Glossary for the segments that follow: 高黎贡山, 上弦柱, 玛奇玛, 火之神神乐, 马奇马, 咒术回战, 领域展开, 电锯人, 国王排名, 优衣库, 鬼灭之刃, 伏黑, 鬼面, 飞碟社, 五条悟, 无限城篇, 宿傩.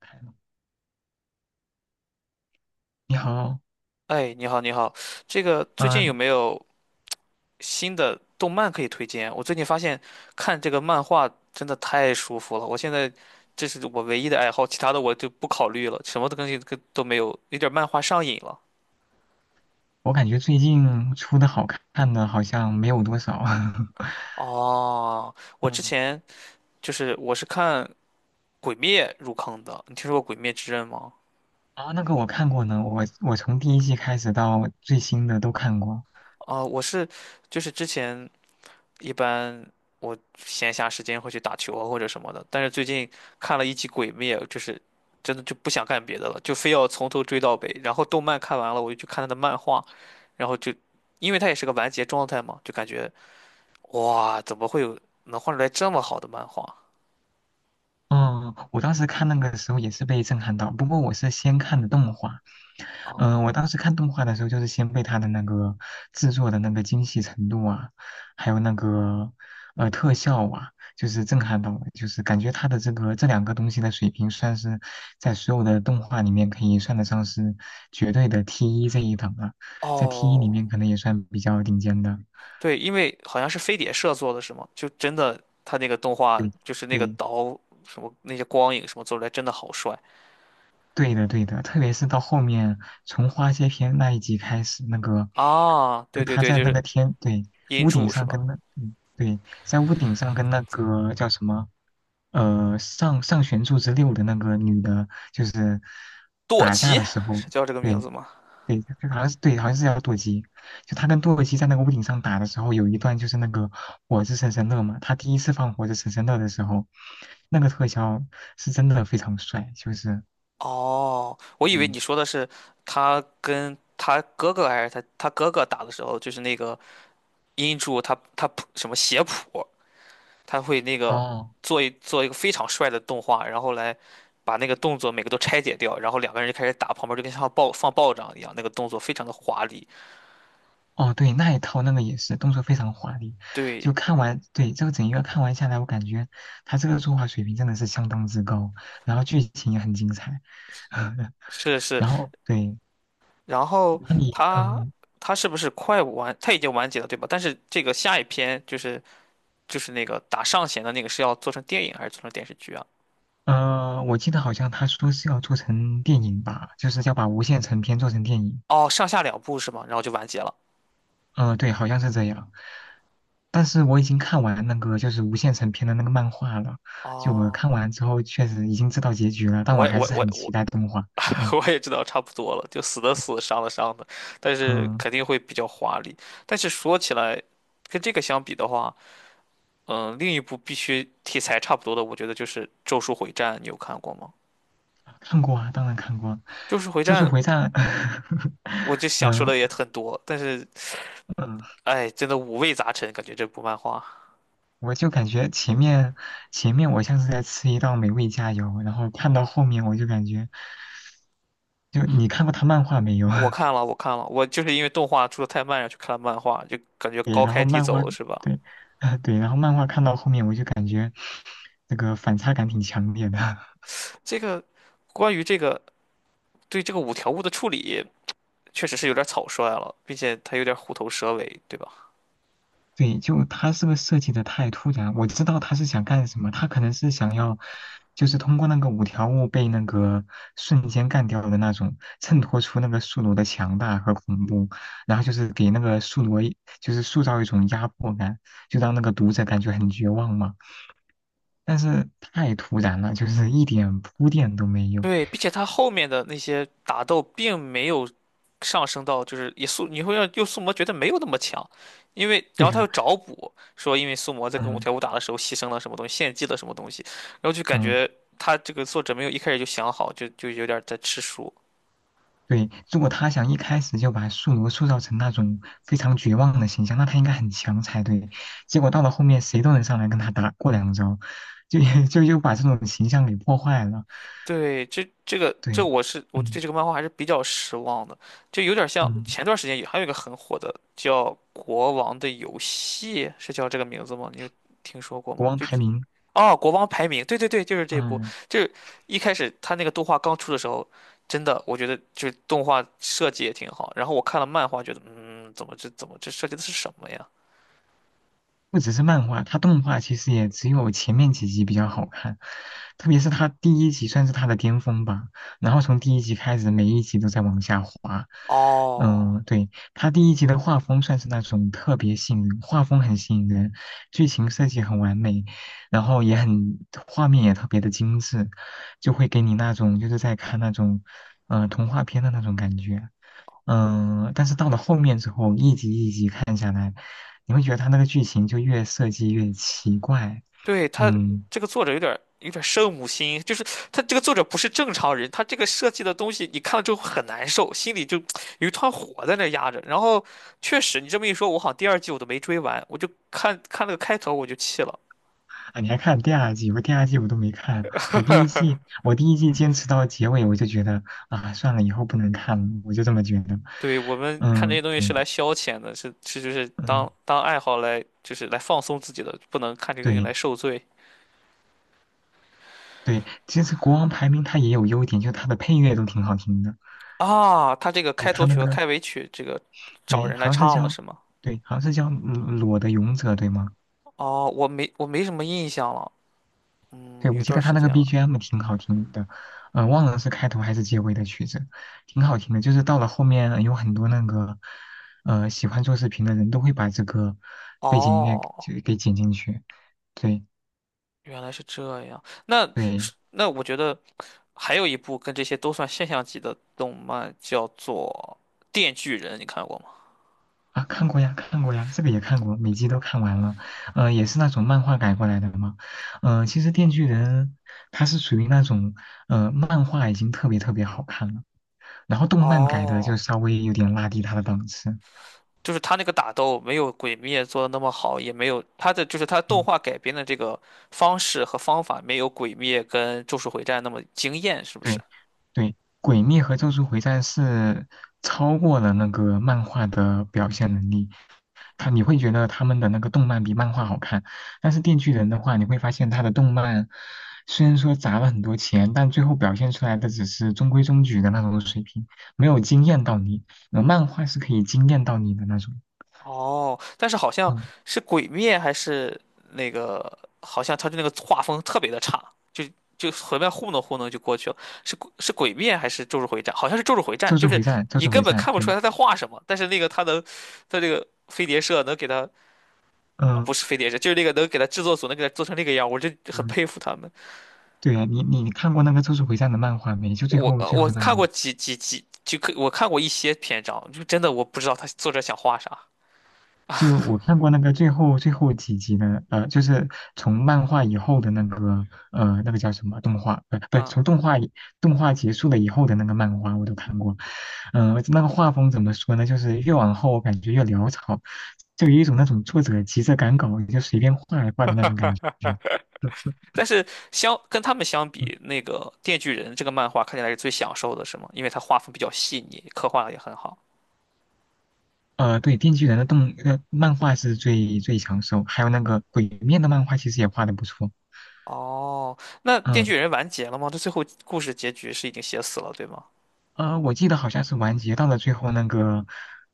看了你好。哎，你好，你好，这个最近有嗯、没有新的动漫可以推荐？我最近发现看这个漫画真的太舒服了，我现在这是我唯一的爱好，其他的我就不考虑了，什么东西都没有，有点漫画上瘾了。我感觉最近出的好看的好像没有多少，哦，我之嗯。前就是我是看《鬼灭》入坑的，你听说过《鬼灭之刃》吗？啊，那个我看过呢，我从第一季开始到最新的都看过。啊、我是就是之前一般我闲暇时间会去打球啊或者什么的，但是最近看了一集《鬼灭》，就是真的就不想干别的了，就非要从头追到尾。然后动漫看完了，我就去看他的漫画，然后就因为它也是个完结状态嘛，就感觉哇，怎么会有能画出来这么好的漫画？嗯，我当时看那个时候也是被震撼到，不过我是先看的动画。哦我当时看动画的时候，就是先被它的那个制作的那个精细程度啊，还有那个特效啊，就是震撼到我，就是感觉它的这个这两个东西的水平，算是在所有的动画里面可以算得上是绝对的 T 一这一档了，在 T 一里哦，面可能也算比较顶尖的。对，因为好像是飞碟社做的是吗？就真的他那个动画对，就是那个对刀什么那些光影什么做出来真的好帅对的，对的，特别是到后面从花谢篇那一集开始，那个啊！就对对他对，在就那个是天，对，音屋顶柱是上吧？跟那，嗯，对，在屋顶上跟那个叫什么，上上弦柱之六的那个女的，就是舵打架吉的时候，是叫这个名对字吗？对，就好像是对，好像是叫舵机，就他跟舵机在那个屋顶上打的时候，有一段就是那个火之神神乐嘛，他第一次放火之神神乐的时候，那个特效是真的非常帅，就是哦，我以为嗯。你说的是他跟他哥哥还是他哥哥打的时候，就是那个音柱他谱什么写谱，他会那个哦。做一个非常帅的动画，然后来把那个动作每个都拆解掉，然后两个人就开始打，旁边就跟像爆仗一样，那个动作非常的华丽。哦，对，那一套那个也是动作非常华丽，就对，看完，对，这个整一个看完下来，我感觉他这个作画水平真的是相当之高，然后剧情也很精彩。是是，然后对，然后那你他嗯。他是不是快完？他已经完结了对吧？但是这个下一篇就是那个打上弦的那个是要做成电影还是做成电视剧啊？呃，我记得好像他说是要做成电影吧，就是要把无限城篇做成电影。哦，上下两部是吗？然后就完结了。呃，对，好像是这样，但是我已经看完那个就是无限城篇的那个漫画了，就我哦，看完之后确实已经知道结局了，但我我也还我是我很期我 待动画。嗯。 我也知道差不多了，就死的死，伤的伤的，但是嗯。肯定会比较华丽。但是说起来，跟这个相比的话，另一部必须题材差不多的，我觉得就是《咒术回战》，你有看过吗？看过啊，当然看过，《咒术回《咒战》术回战》我就想说的呃，也很多，但是嗯，哎，真的五味杂陈，感觉这部漫画。我就感觉前面我像是在吃一道美味佳肴，然后看到后面我就感觉，就你看过他漫画没有？我看了，我看了，我就是因为动画出的太慢，然后去看了漫画，就感觉 对，高然开后低漫画走是吧？对，对，然后漫画看到后面我就感觉那个反差感挺强烈的。这个关于这个对这个五条悟的处理，确实是有点草率了，并且他有点虎头蛇尾，对吧？对，就他这个设计的太突然，我知道他是想干什么，他可能是想要，就是通过那个五条悟被那个瞬间干掉的那种，衬托出那个宿傩的强大和恐怖，然后就是给那个宿傩一就是塑造一种压迫感，就让那个读者感觉很绝望嘛。但是太突然了，就是一点铺垫都没有。对，并 且他后面的那些打斗并没有上升到，就是也宿，你会让又宿魔觉得没有那么强，因为然为后他又啥？找补说，因为宿魔在跟五嗯。条悟打的时候牺牲了什么东西，献祭了什么东西，然后就感嗯。觉他这个作者没有一开始就想好，就有点在吃书。对，如果他想一开始就把宿傩塑造成那种非常绝望的形象，那他应该很强才对。结果到了后面，谁都能上来跟他打过两招，就 就又把这种形象给破坏了。对，这个这对，我是我嗯对这个漫画还是比较失望的，就有点像嗯，前段时间也还有一个很火的叫《国王的游戏》，是叫这个名字吗？你有听说过国吗？王排名。哦，《国王排名》，对对对，就是这部，嗯。就是一开始他那个动画刚出的时候，真的我觉得就是动画设计也挺好，然后我看了漫画，觉得嗯，怎么这设计的是什么呀？不只是漫画，它动画其实也只有前面几集比较好看，特别是它第一集算是它的巅峰吧。然后从第一集开始，每一集都在往下滑。哦。嗯，对，它第一集的画风算是那种特别吸引人，画风很吸引人，剧情设计很完美，然后也很，画面也特别的精致，就会给你那种就是在看那种，童话片的那种感觉。但是到了后面之后，一集一集看下来。你会觉得他那个剧情就越设计越奇怪。对，他嗯。这个作者有点圣母心，就是他这个作者不是正常人，他这个设计的东西你看了之后很难受，心里就有一团火在那压着。然后确实，你这么一说，我好像第二季我都没追完，我就看看那个开头我就气了。啊，你还看第二季？我第二季我都没看，我第一季坚持到结尾，我就觉得啊，算了，以后不能看了，我就这么觉得。对，我们看这些嗯，东西是对，来消遣的，是是就是嗯，当爱好来就是来放松自己的，不能看这个东西对。来受罪对，其实国王排名它也有优点，就它的配乐都挺好听的。啊。他这个对，开它头那曲和个开尾曲这个找对，人来好像是唱了叫是吗？对，好像是叫嗯裸的勇者，对吗？哦，我没什么印象了，对，我有记段得他时那个 间了。BGM 挺好听的，忘了是开头还是结尾的曲子，挺好听的。就是到了后面，有很多那个，喜欢做视频的人都会把这个背景音乐哦，给剪进去。对。原来是这样。那对是那我觉得还有一部跟这些都算现象级的动漫，叫做《电锯人》，你看过吗？啊，看过呀，看过呀，这个也看过，每集都看完了。也是那种漫画改过来的嘛。其实《电锯人》它是属于那种，漫画已经特别好看了，然后动漫改的就哦，稍微有点拉低它的档次。就是他那个打斗没有《鬼灭》做的那么好，也没有他的就是他动嗯。画改编的这个方式和方法没有《鬼灭》跟《咒术回战》那么惊艳，是不是？对，对，《鬼灭》和《咒术回战》是超过了那个漫画的表现能力，他你会觉得他们的那个动漫比漫画好看，但是《电锯人》的话，你会发现他的动漫虽然说砸了很多钱，但最后表现出来的只是中规中矩的那种水平，没有惊艳到你。漫画是可以惊艳到你的那种。哦，但是好像嗯，是《鬼灭》还是那个，好像他的那个画风特别的差，就就随便糊弄糊弄就过去了。是《鬼灭》还是《咒术回战》？好像是《咒术回战》，《咒就术是回战》，《咒你术根回本战》看不出对。来他在画什么，但是那个他能，他这个飞碟社能给他，嗯不是飞碟社，就是那个能给他制作组能给他做成那个样，我就很嗯。佩服他们。对啊，你看过那个《咒术回战》的漫画没？就最我后呃最我后那看个。过几，就可我看过一些篇章，就真的我不知道他作者想画啥。就我看过那个最后几集的，就是从漫画以后的那个，呃，那个叫什么动画，不，不，从嗯动画结束了以后的那个漫画我都看过。那个画风怎么说呢？就是越往后我感觉越潦草，就有一种那种作者急着赶稿就随便画一画的那种感觉。但是跟他们相比，那个《电锯人》这个漫画看起来是最享受的，是吗？因为它画风比较细腻，刻画的也很好。对，《电锯人》的漫画是最最抢手，还有那个《鬼面》的漫画其实也画的不错。哦，那《电锯嗯。人》完结了吗？这最后故事结局是已经写死了，对吗？我记得好像是完结到了最后，那个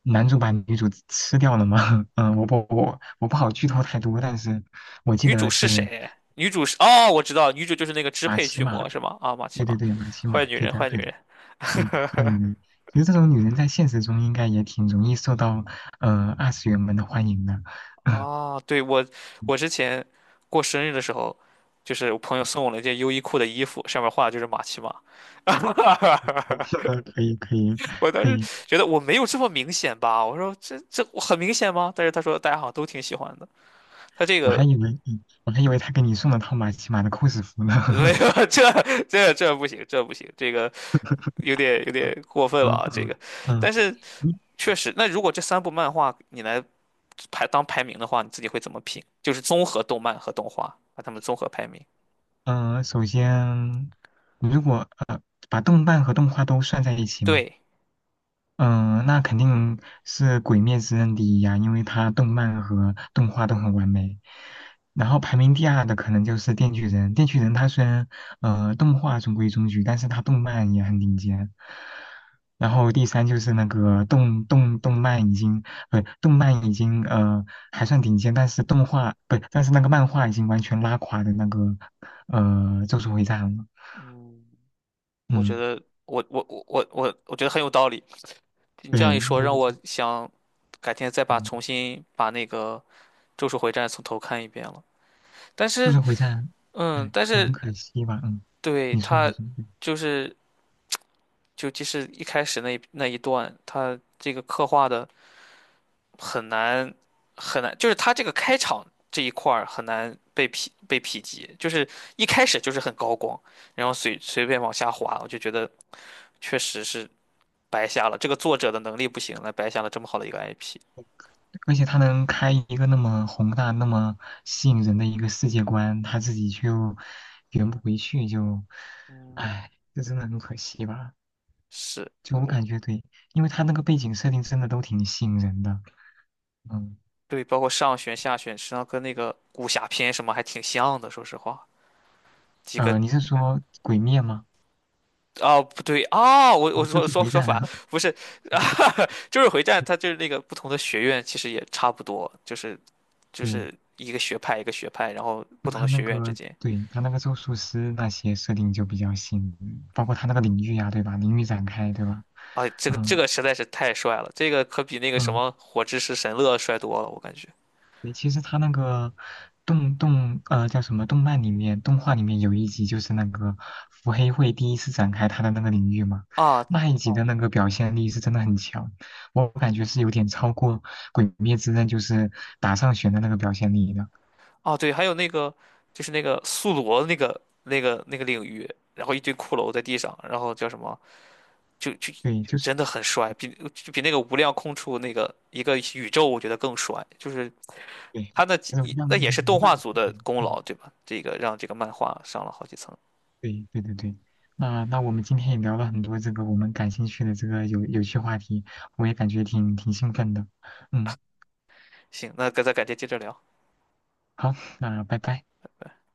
男主把女主吃掉了嘛。我不好剧透太多，但是我记女主得是是谁？女主是哦，我知道，女主就是那个支马配奇巨马，魔，是吗？对啊，玛奇玛，对对，马奇坏马，女对人，的坏女对的，人。对，坏女人。其实这种女人在现实中应该也挺容易受到二次元们的欢迎的。哦，对，我之前过生日的时候，就是我朋友送我了一件优衣库的衣服，上面画的就是玛奇玛。是的，可以可以我当可时以。觉得我没有这么明显吧，我说这我很明显吗？但是他说大家好像都挺喜欢的，他这我还个 以为我还以为他给你送了套马奇马的 cos 服呢。没 有，这不行，这不行，这个有点有嗯。点过分了嗯、啊，这嗯个。嗯，但是确实，那如果这三部漫画你来排名的话，你自己会怎么评？就是综合动漫和动画，把它们综合排名。首先，如果把动漫和动画都算在一起吗？对，嗯，那肯定是《鬼灭之刃》第一呀，因为它动漫和动画都很完美。然后排名第二的可能就是《电锯人》，《电锯人》它虽然动画中规中矩，但是它动漫也很顶尖。然后第三就是那个动漫已经不、动漫已经还算顶尖，但是动画不但是那个漫画已经完全拉垮的那个呃《咒术回战》了。嗯，我觉嗯，得我觉得很有道理。你对，这样一说，就让我想改天再把重嗯新把那个。咒术回战》从头看一遍了。但速是，速回战。嗯，哎，但很是可惜吧。嗯，对你说你他说，嗯就是就即使一开始那一段，他这个刻画的很难很难，就是他这个开场这一块儿很难被匹及，就是一开始就是很高光，然后随便往下滑，我就觉得确实是白瞎了。这个作者的能力不行了，白瞎了这么好的一个 IP。而且他能开一个那么宏大、那么吸引人的一个世界观，他自己就圆不回去，就，嗯，哎，这真的很可惜吧？是，就我感觉对，因为他那个背景设定真的都挺吸引人的。嗯。对，包括上旋、下旋，实际上跟那个武侠片什么还挺像的，说实话，几个你是说《鬼灭》吗？哦，不对啊，我啊，我就说是说回说战反，啊。不是，就是回战，它 就是那个不同的学院其实也差不多，就是就对，是一个学派一个学派，然后不就同他的那学院之个，间，对，他那个咒术师那些设定就比较新，包括他那个领域呀、对吧？领域展开，对吧？啊，这个这嗯。个实在是太帅了，这个可比那个什嗯，么火之石神乐帅多了，我感觉对，其实他那个动动呃叫什么动漫里面动画里面有一集就是那个伏黑会第一次展开他的那个领域嘛，啊那一集哦的那个表现力是真的很强，我感觉是有点超过《鬼灭之刃》就是打上弦的那个表现力的。啊对，还有那个就是那个宿罗那个领域，然后一堆骷髅在地上，然后叫什么就对，就是真的很帅，比那个无量空处那个一个宇宙我觉得更帅，就是。对，他那就是无一量 那也是 无动画量。组的功劳，嗯，对吧？这个让这个漫画上了好几层。对对对对，那那我们今天也聊了很多这个我们感兴趣的这个有有趣话题，我也感觉挺兴奋的。嗯，行，那咱改天接着聊。好，那拜拜。